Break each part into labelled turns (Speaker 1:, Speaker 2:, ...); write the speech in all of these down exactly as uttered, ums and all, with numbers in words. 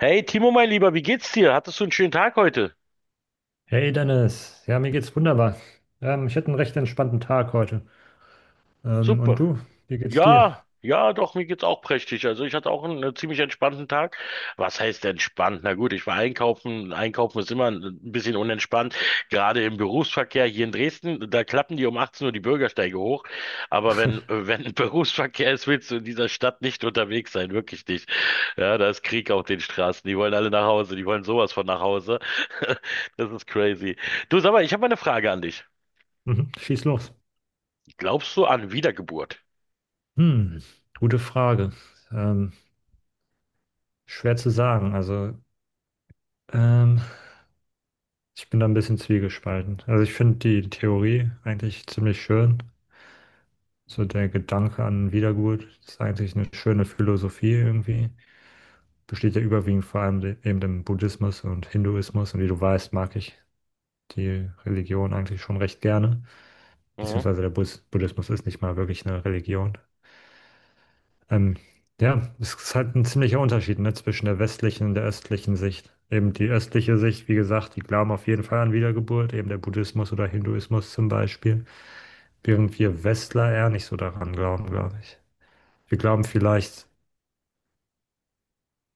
Speaker 1: Hey Timo, mein Lieber, wie geht's dir? Hattest du einen schönen Tag heute?
Speaker 2: Hey Dennis, ja, mir geht's wunderbar. Ähm, ich hatte einen recht entspannten Tag heute. Ähm, und
Speaker 1: Super.
Speaker 2: du, wie geht's dir?
Speaker 1: Ja, ja, doch, mir geht's auch prächtig. Also ich hatte auch einen, äh, ziemlich entspannten Tag. Was heißt entspannt? Na gut, ich war einkaufen. Einkaufen ist immer ein, ein bisschen unentspannt. Gerade im Berufsverkehr hier in Dresden, da klappen die um achtzehn Uhr die Bürgersteige hoch. Aber wenn, äh, wenn Berufsverkehr ist, willst du in dieser Stadt nicht unterwegs sein. Wirklich nicht. Ja, da ist Krieg auf den Straßen. Die wollen alle nach Hause. Die wollen sowas von nach Hause. Das ist crazy. Du, sag mal, ich habe mal eine Frage an dich.
Speaker 2: Mhm, schieß los.
Speaker 1: Glaubst du an Wiedergeburt?
Speaker 2: Hm, gute Frage. Ähm, Schwer zu sagen. Also, ähm, ich bin da ein bisschen zwiegespalten. Also, ich finde die Theorie eigentlich ziemlich schön. So der Gedanke an Wiedergeburt ist eigentlich eine schöne Philosophie irgendwie. Besteht ja überwiegend vor allem de- eben im Buddhismus und Hinduismus. Und wie du weißt, mag ich die Religion eigentlich schon recht gerne.
Speaker 1: Mhm.
Speaker 2: Beziehungsweise der Bus Buddhismus ist nicht mal wirklich eine Religion. Ähm, ja, es ist halt ein ziemlicher Unterschied, ne, zwischen der westlichen und der östlichen Sicht. Eben die östliche Sicht, wie gesagt, die glauben auf jeden Fall an Wiedergeburt, eben der Buddhismus oder Hinduismus zum Beispiel, während wir Westler eher nicht so daran glauben, glaube ich. Wir glauben vielleicht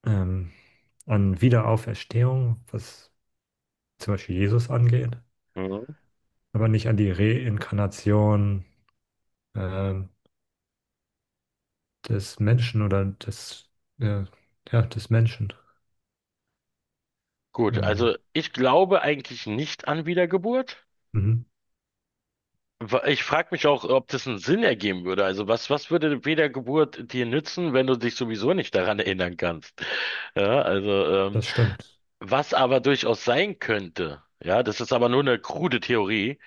Speaker 2: ähm, an Wiederauferstehung, was zum Beispiel Jesus angeht,
Speaker 1: Mhm.
Speaker 2: aber nicht an die Reinkarnation ähm, des Menschen oder des, äh, ja, des Menschen.
Speaker 1: Gut,
Speaker 2: Ähm,
Speaker 1: also ich glaube eigentlich nicht an Wiedergeburt.
Speaker 2: mhm,
Speaker 1: Wa- Ich frage mich auch, ob das einen Sinn ergeben würde. Also was, was würde Wiedergeburt dir nützen, wenn du dich sowieso nicht daran erinnern kannst? Ja, also ähm,
Speaker 2: das stimmt.
Speaker 1: was aber durchaus sein könnte, ja, das ist aber nur eine krude Theorie,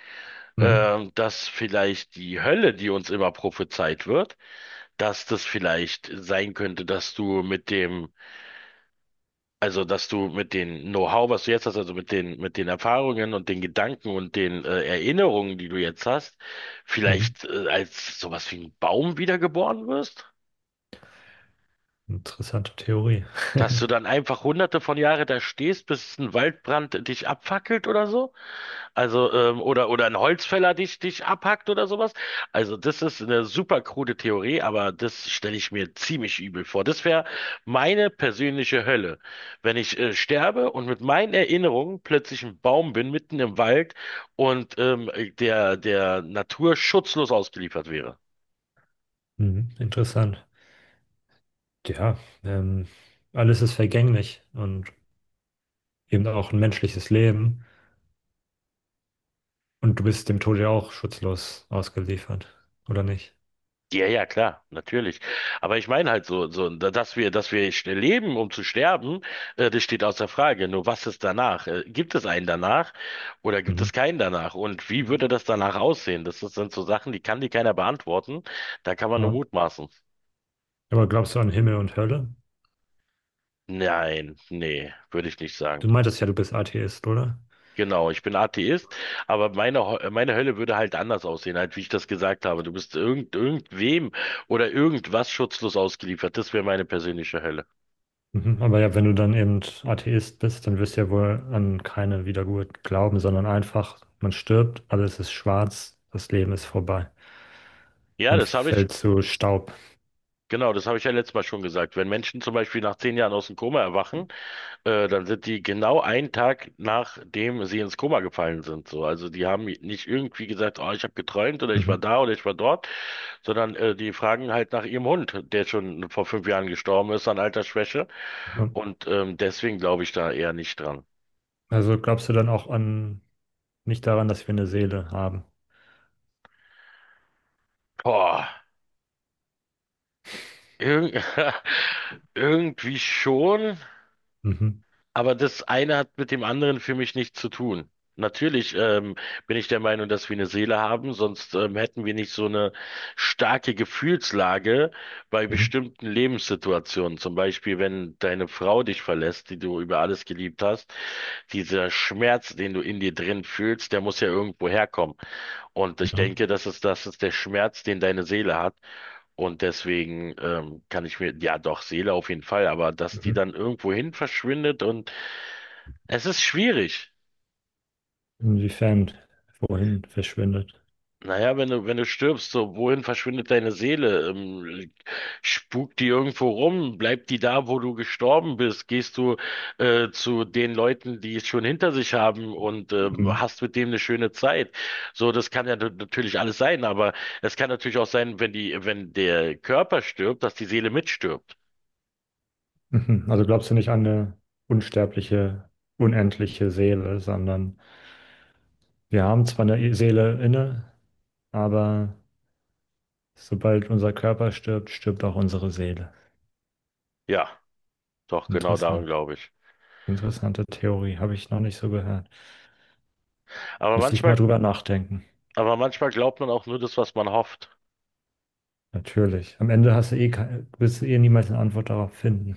Speaker 2: Mhm,
Speaker 1: ähm, dass vielleicht die Hölle, die uns immer prophezeit wird, dass das vielleicht sein könnte, dass du mit dem, also dass du mit dem Know-how, was du jetzt hast, also mit den, mit den Erfahrungen und den Gedanken und den äh, Erinnerungen, die du jetzt hast,
Speaker 2: mhm.
Speaker 1: vielleicht äh, als sowas wie ein Baum wiedergeboren wirst?
Speaker 2: Interessante Theorie.
Speaker 1: Dass du dann einfach hunderte von Jahren da stehst, bis ein Waldbrand dich abfackelt oder so? Also, ähm, oder, oder ein Holzfäller dich, dich abhackt oder sowas. Also, das ist eine super krude Theorie, aber das stelle ich mir ziemlich übel vor. Das wäre meine persönliche Hölle, wenn ich äh, sterbe und mit meinen Erinnerungen plötzlich ein Baum bin, mitten im Wald und ähm, der, der Natur schutzlos ausgeliefert wäre.
Speaker 2: Mhm, interessant. Ja, ähm, alles ist vergänglich und eben auch ein menschliches Leben. Und du bist dem Tode ja auch schutzlos ausgeliefert, oder nicht?
Speaker 1: Ja, ja, klar, natürlich. Aber ich meine halt so, so, dass wir, dass wir sch- leben, um zu sterben, äh, das steht außer Frage. Nur was ist danach? Äh, gibt es einen danach oder gibt
Speaker 2: Mhm.
Speaker 1: es keinen danach? Und wie würde das danach aussehen? Das ist- sind so Sachen, die kann dir keiner beantworten. Da kann man nur
Speaker 2: Ja.
Speaker 1: mutmaßen.
Speaker 2: Aber glaubst du an Himmel und Hölle?
Speaker 1: Nein, nee, würde ich nicht sagen.
Speaker 2: Du meintest ja, du bist Atheist, oder?
Speaker 1: Genau, ich bin Atheist, aber meine, Ho- äh, meine Hölle würde halt anders aussehen, halt wie ich das gesagt habe. Du bist irgend, irgendwem oder irgendwas schutzlos ausgeliefert. Das wäre meine persönliche Hölle.
Speaker 2: Mhm. Aber ja, wenn du dann eben Atheist bist, dann wirst du ja wohl an keine Wiedergeburt glauben, sondern einfach, man stirbt, alles ist schwarz, das Leben ist vorbei.
Speaker 1: Ja,
Speaker 2: Man
Speaker 1: das habe ich.
Speaker 2: fällt zu Staub.
Speaker 1: Genau, das habe ich ja letztes Mal schon gesagt. Wenn Menschen zum Beispiel nach zehn Jahren aus dem Koma erwachen, äh, dann sind die genau einen Tag nachdem sie ins Koma gefallen sind. So, also die haben nicht irgendwie gesagt, oh, ich habe geträumt oder ich war
Speaker 2: Mhm.
Speaker 1: da oder ich war dort, sondern äh, die fragen halt nach ihrem Hund, der schon vor fünf Jahren gestorben ist an Altersschwäche. Und ähm, deswegen glaube ich da eher nicht dran.
Speaker 2: Also glaubst du dann auch an, nicht daran, dass wir eine Seele haben?
Speaker 1: Boah, irg irgendwie schon.
Speaker 2: Mhm.
Speaker 1: Aber das eine hat mit dem anderen für mich nichts zu tun. Natürlich ähm, bin ich der Meinung, dass wir eine Seele haben, sonst ähm, hätten wir nicht so eine starke Gefühlslage bei
Speaker 2: Mhm.
Speaker 1: bestimmten Lebenssituationen. Zum Beispiel, wenn deine Frau dich verlässt, die du über alles geliebt hast, dieser Schmerz, den du in dir drin fühlst, der muss ja irgendwo herkommen. Und ich
Speaker 2: Ja.
Speaker 1: denke, das ist, das ist der Schmerz, den deine Seele hat. Und deswegen ähm, kann ich mir, ja doch, Seele auf jeden Fall, aber dass die
Speaker 2: Mhm.
Speaker 1: dann irgendwohin verschwindet und es ist schwierig.
Speaker 2: Inwiefern? Wohin verschwindet?
Speaker 1: Naja, wenn du, wenn du stirbst, so, wohin verschwindet deine Seele? Ähm, spukt die irgendwo rum? Bleibt die da, wo du gestorben bist? Gehst du äh, zu den Leuten, die es schon hinter sich haben und ähm,
Speaker 2: Mhm.
Speaker 1: hast mit denen eine schöne Zeit? So, das kann ja nat- natürlich alles sein, aber es kann natürlich auch sein, wenn die, wenn der Körper stirbt, dass die Seele mitstirbt.
Speaker 2: Mhm. Also glaubst du nicht an eine unsterbliche, unendliche Seele, sondern wir haben zwar eine Seele inne, aber sobald unser Körper stirbt, stirbt auch unsere Seele.
Speaker 1: Ja, doch, genau daran
Speaker 2: Interessant.
Speaker 1: glaube ich.
Speaker 2: Interessante Theorie, habe ich noch nicht so gehört.
Speaker 1: Aber
Speaker 2: Müsste ich mal
Speaker 1: manchmal,
Speaker 2: drüber nachdenken.
Speaker 1: aber manchmal glaubt man auch nur das, was man hofft.
Speaker 2: Natürlich. Am Ende hast du eh kein, wirst du eh niemals eine Antwort darauf finden.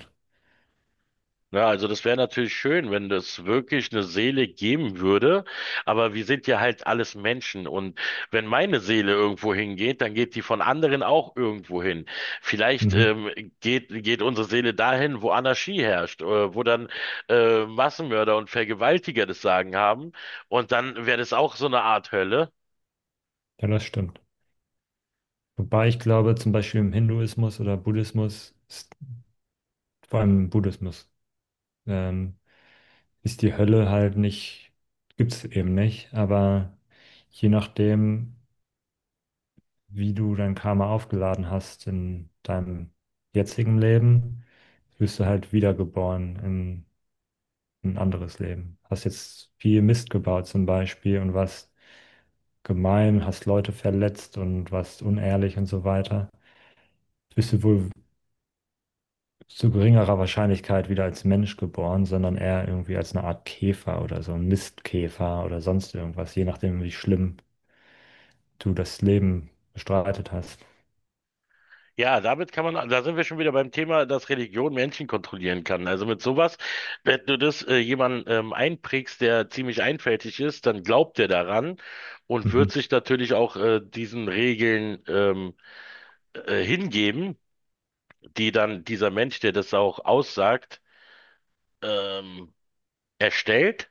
Speaker 1: Na, also das wäre natürlich schön, wenn es wirklich eine Seele geben würde, aber wir sind ja halt alles Menschen und wenn meine Seele irgendwo hingeht, dann geht die von anderen auch irgendwo hin. Vielleicht
Speaker 2: Mhm.
Speaker 1: ähm, geht, geht unsere Seele dahin, wo Anarchie herrscht, äh, wo dann äh, Massenmörder und Vergewaltiger das Sagen haben und dann wäre das auch so eine Art Hölle.
Speaker 2: Ja, das stimmt. Wobei ich glaube, zum Beispiel im Hinduismus oder Buddhismus, ist, vor allem im Buddhismus, ähm, ist die Hölle halt nicht, gibt es eben nicht. Aber je nachdem, wie du dein Karma aufgeladen hast in deinem jetzigen Leben, wirst du halt wiedergeboren in ein anderes Leben. Hast jetzt viel Mist gebaut zum Beispiel und warst gemein, hast Leute verletzt und warst unehrlich und so weiter, bist du wohl zu geringerer Wahrscheinlichkeit wieder als Mensch geboren, sondern eher irgendwie als eine Art Käfer oder so ein Mistkäfer oder sonst irgendwas, je nachdem, wie schlimm du das Leben bestreitet hast.
Speaker 1: Ja, damit kann man, da sind wir schon wieder beim Thema, dass Religion Menschen kontrollieren kann. Also mit sowas, wenn du das äh, jemandem ähm, einprägst, der ziemlich einfältig ist, dann glaubt er daran und wird
Speaker 2: Mhm.
Speaker 1: sich natürlich auch äh, diesen Regeln ähm, äh, hingeben, die dann dieser Mensch, der das auch aussagt, ähm, erstellt.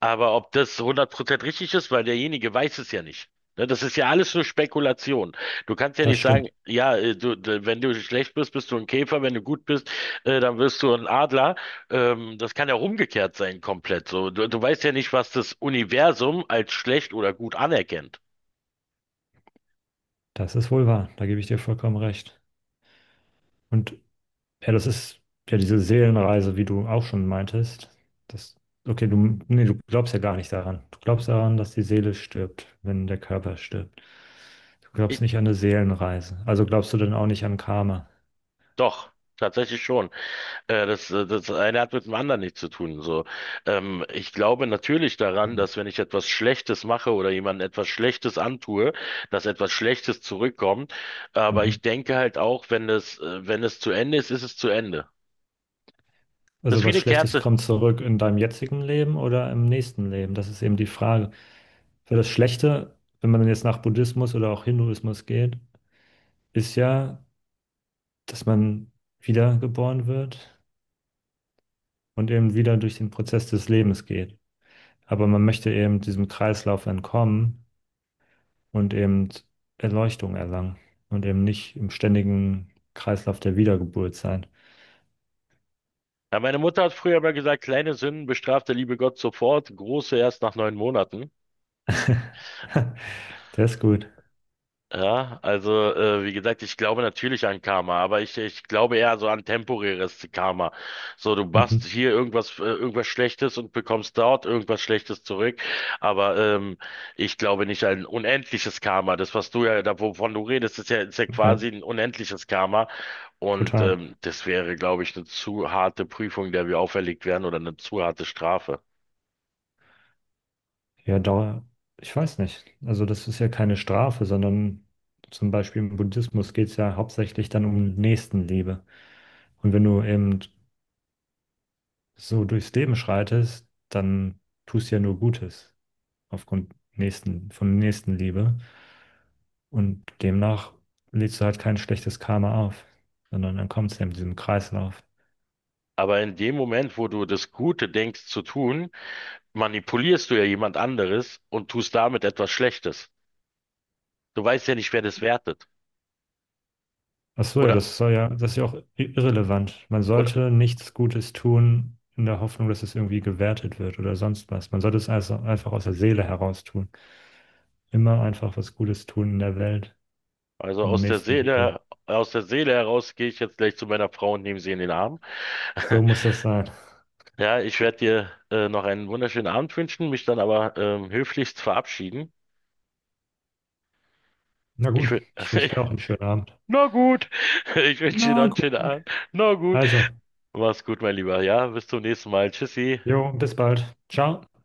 Speaker 1: Aber ob das hundert Prozent richtig ist, weil derjenige weiß es ja nicht. Ne, das ist ja alles nur Spekulation. Du kannst ja
Speaker 2: Das
Speaker 1: nicht sagen,
Speaker 2: stimmt.
Speaker 1: ja, äh, du, d- wenn du schlecht bist, bist du ein Käfer, wenn du gut bist, äh, dann wirst du ein Adler. Ähm, das kann ja auch umgekehrt sein, komplett. So, du, du weißt ja nicht, was das Universum als schlecht oder gut anerkennt.
Speaker 2: Das ist wohl wahr. Da gebe ich dir vollkommen recht. Und ja, das ist ja diese Seelenreise, wie du auch schon meintest. Das, okay, du, nee, du glaubst ja gar nicht daran. Du glaubst daran, dass die Seele stirbt, wenn der Körper stirbt. Du glaubst
Speaker 1: Ich,
Speaker 2: nicht an eine Seelenreise. Also glaubst du dann auch nicht an Karma.
Speaker 1: doch, tatsächlich schon. Äh, das, äh, das eine hat mit dem anderen nichts zu tun. So, ähm, ich glaube natürlich daran, dass wenn ich etwas Schlechtes mache oder jemandem etwas Schlechtes antue, dass etwas Schlechtes zurückkommt. Aber
Speaker 2: Mhm.
Speaker 1: ich denke halt auch, wenn es, äh, wenn es zu Ende ist, ist es zu Ende. Das
Speaker 2: Also
Speaker 1: ist wie
Speaker 2: was
Speaker 1: eine
Speaker 2: Schlechtes
Speaker 1: Kerze.
Speaker 2: kommt zurück in deinem jetzigen Leben oder im nächsten Leben? Das ist eben die Frage. Für das Schlechte, wenn man jetzt nach Buddhismus oder auch Hinduismus geht, ist ja, dass man wiedergeboren wird und eben wieder durch den Prozess des Lebens geht. Aber man möchte eben diesem Kreislauf entkommen und eben Erleuchtung erlangen und eben nicht im ständigen Kreislauf der Wiedergeburt sein.
Speaker 1: Ja, meine Mutter hat früher mal gesagt, kleine Sünden bestraft der liebe Gott sofort, große erst nach neun Monaten.
Speaker 2: Der ist gut.
Speaker 1: Ja, also äh, wie gesagt, ich glaube natürlich an Karma, aber ich, ich glaube eher so an temporäres Karma. So, du machst
Speaker 2: Mhm.
Speaker 1: hier irgendwas, äh, irgendwas Schlechtes und bekommst dort irgendwas Schlechtes zurück. Aber ähm, ich glaube nicht an unendliches Karma. Das, was du ja, da, wovon du redest, ist ja, ist ja
Speaker 2: Ja,
Speaker 1: quasi ein unendliches Karma. Und
Speaker 2: total.
Speaker 1: ähm, das wäre, glaube ich, eine zu harte Prüfung, der wir auferlegt werden oder eine zu harte Strafe.
Speaker 2: Ja, Dauer, ich weiß nicht. Also das ist ja keine Strafe, sondern zum Beispiel im Buddhismus geht es ja hauptsächlich dann um Nächstenliebe. Und wenn du eben so durchs Leben schreitest, dann tust du ja nur Gutes aufgrund nächsten, von Nächstenliebe. Und demnach lädst du halt kein schlechtes Karma auf, sondern dann kommt es ja mit diesem Kreislauf.
Speaker 1: Aber in dem Moment, wo du das Gute denkst zu tun, manipulierst du ja jemand anderes und tust damit etwas Schlechtes. Du weißt ja nicht, wer das wertet.
Speaker 2: Ach so, ja,
Speaker 1: Oder,
Speaker 2: das soll ja, das ist ja auch i- irrelevant. Man
Speaker 1: oder,
Speaker 2: sollte nichts Gutes tun in der Hoffnung, dass es irgendwie gewertet wird oder sonst was. Man sollte es also einfach aus der Seele heraus tun. Immer einfach was Gutes tun in der Welt
Speaker 1: also
Speaker 2: und
Speaker 1: aus der
Speaker 2: Nächstenliebe.
Speaker 1: Seele, aus der Seele heraus gehe ich jetzt gleich zu meiner Frau und nehme sie in den Arm.
Speaker 2: So muss das sein.
Speaker 1: Ja, ich werde dir äh, noch einen wunderschönen Abend wünschen, mich dann aber ähm, höflichst verabschieden.
Speaker 2: Na
Speaker 1: Ich
Speaker 2: gut,
Speaker 1: will,
Speaker 2: ich wünsche dir auch einen schönen Abend.
Speaker 1: na gut, ich wünsche dir noch
Speaker 2: Na
Speaker 1: einen schönen
Speaker 2: gut.
Speaker 1: Abend. Na gut,
Speaker 2: Also,
Speaker 1: mach's gut, mein Lieber. Ja, bis zum nächsten Mal. Tschüssi.
Speaker 2: jo, bis bald. Ciao.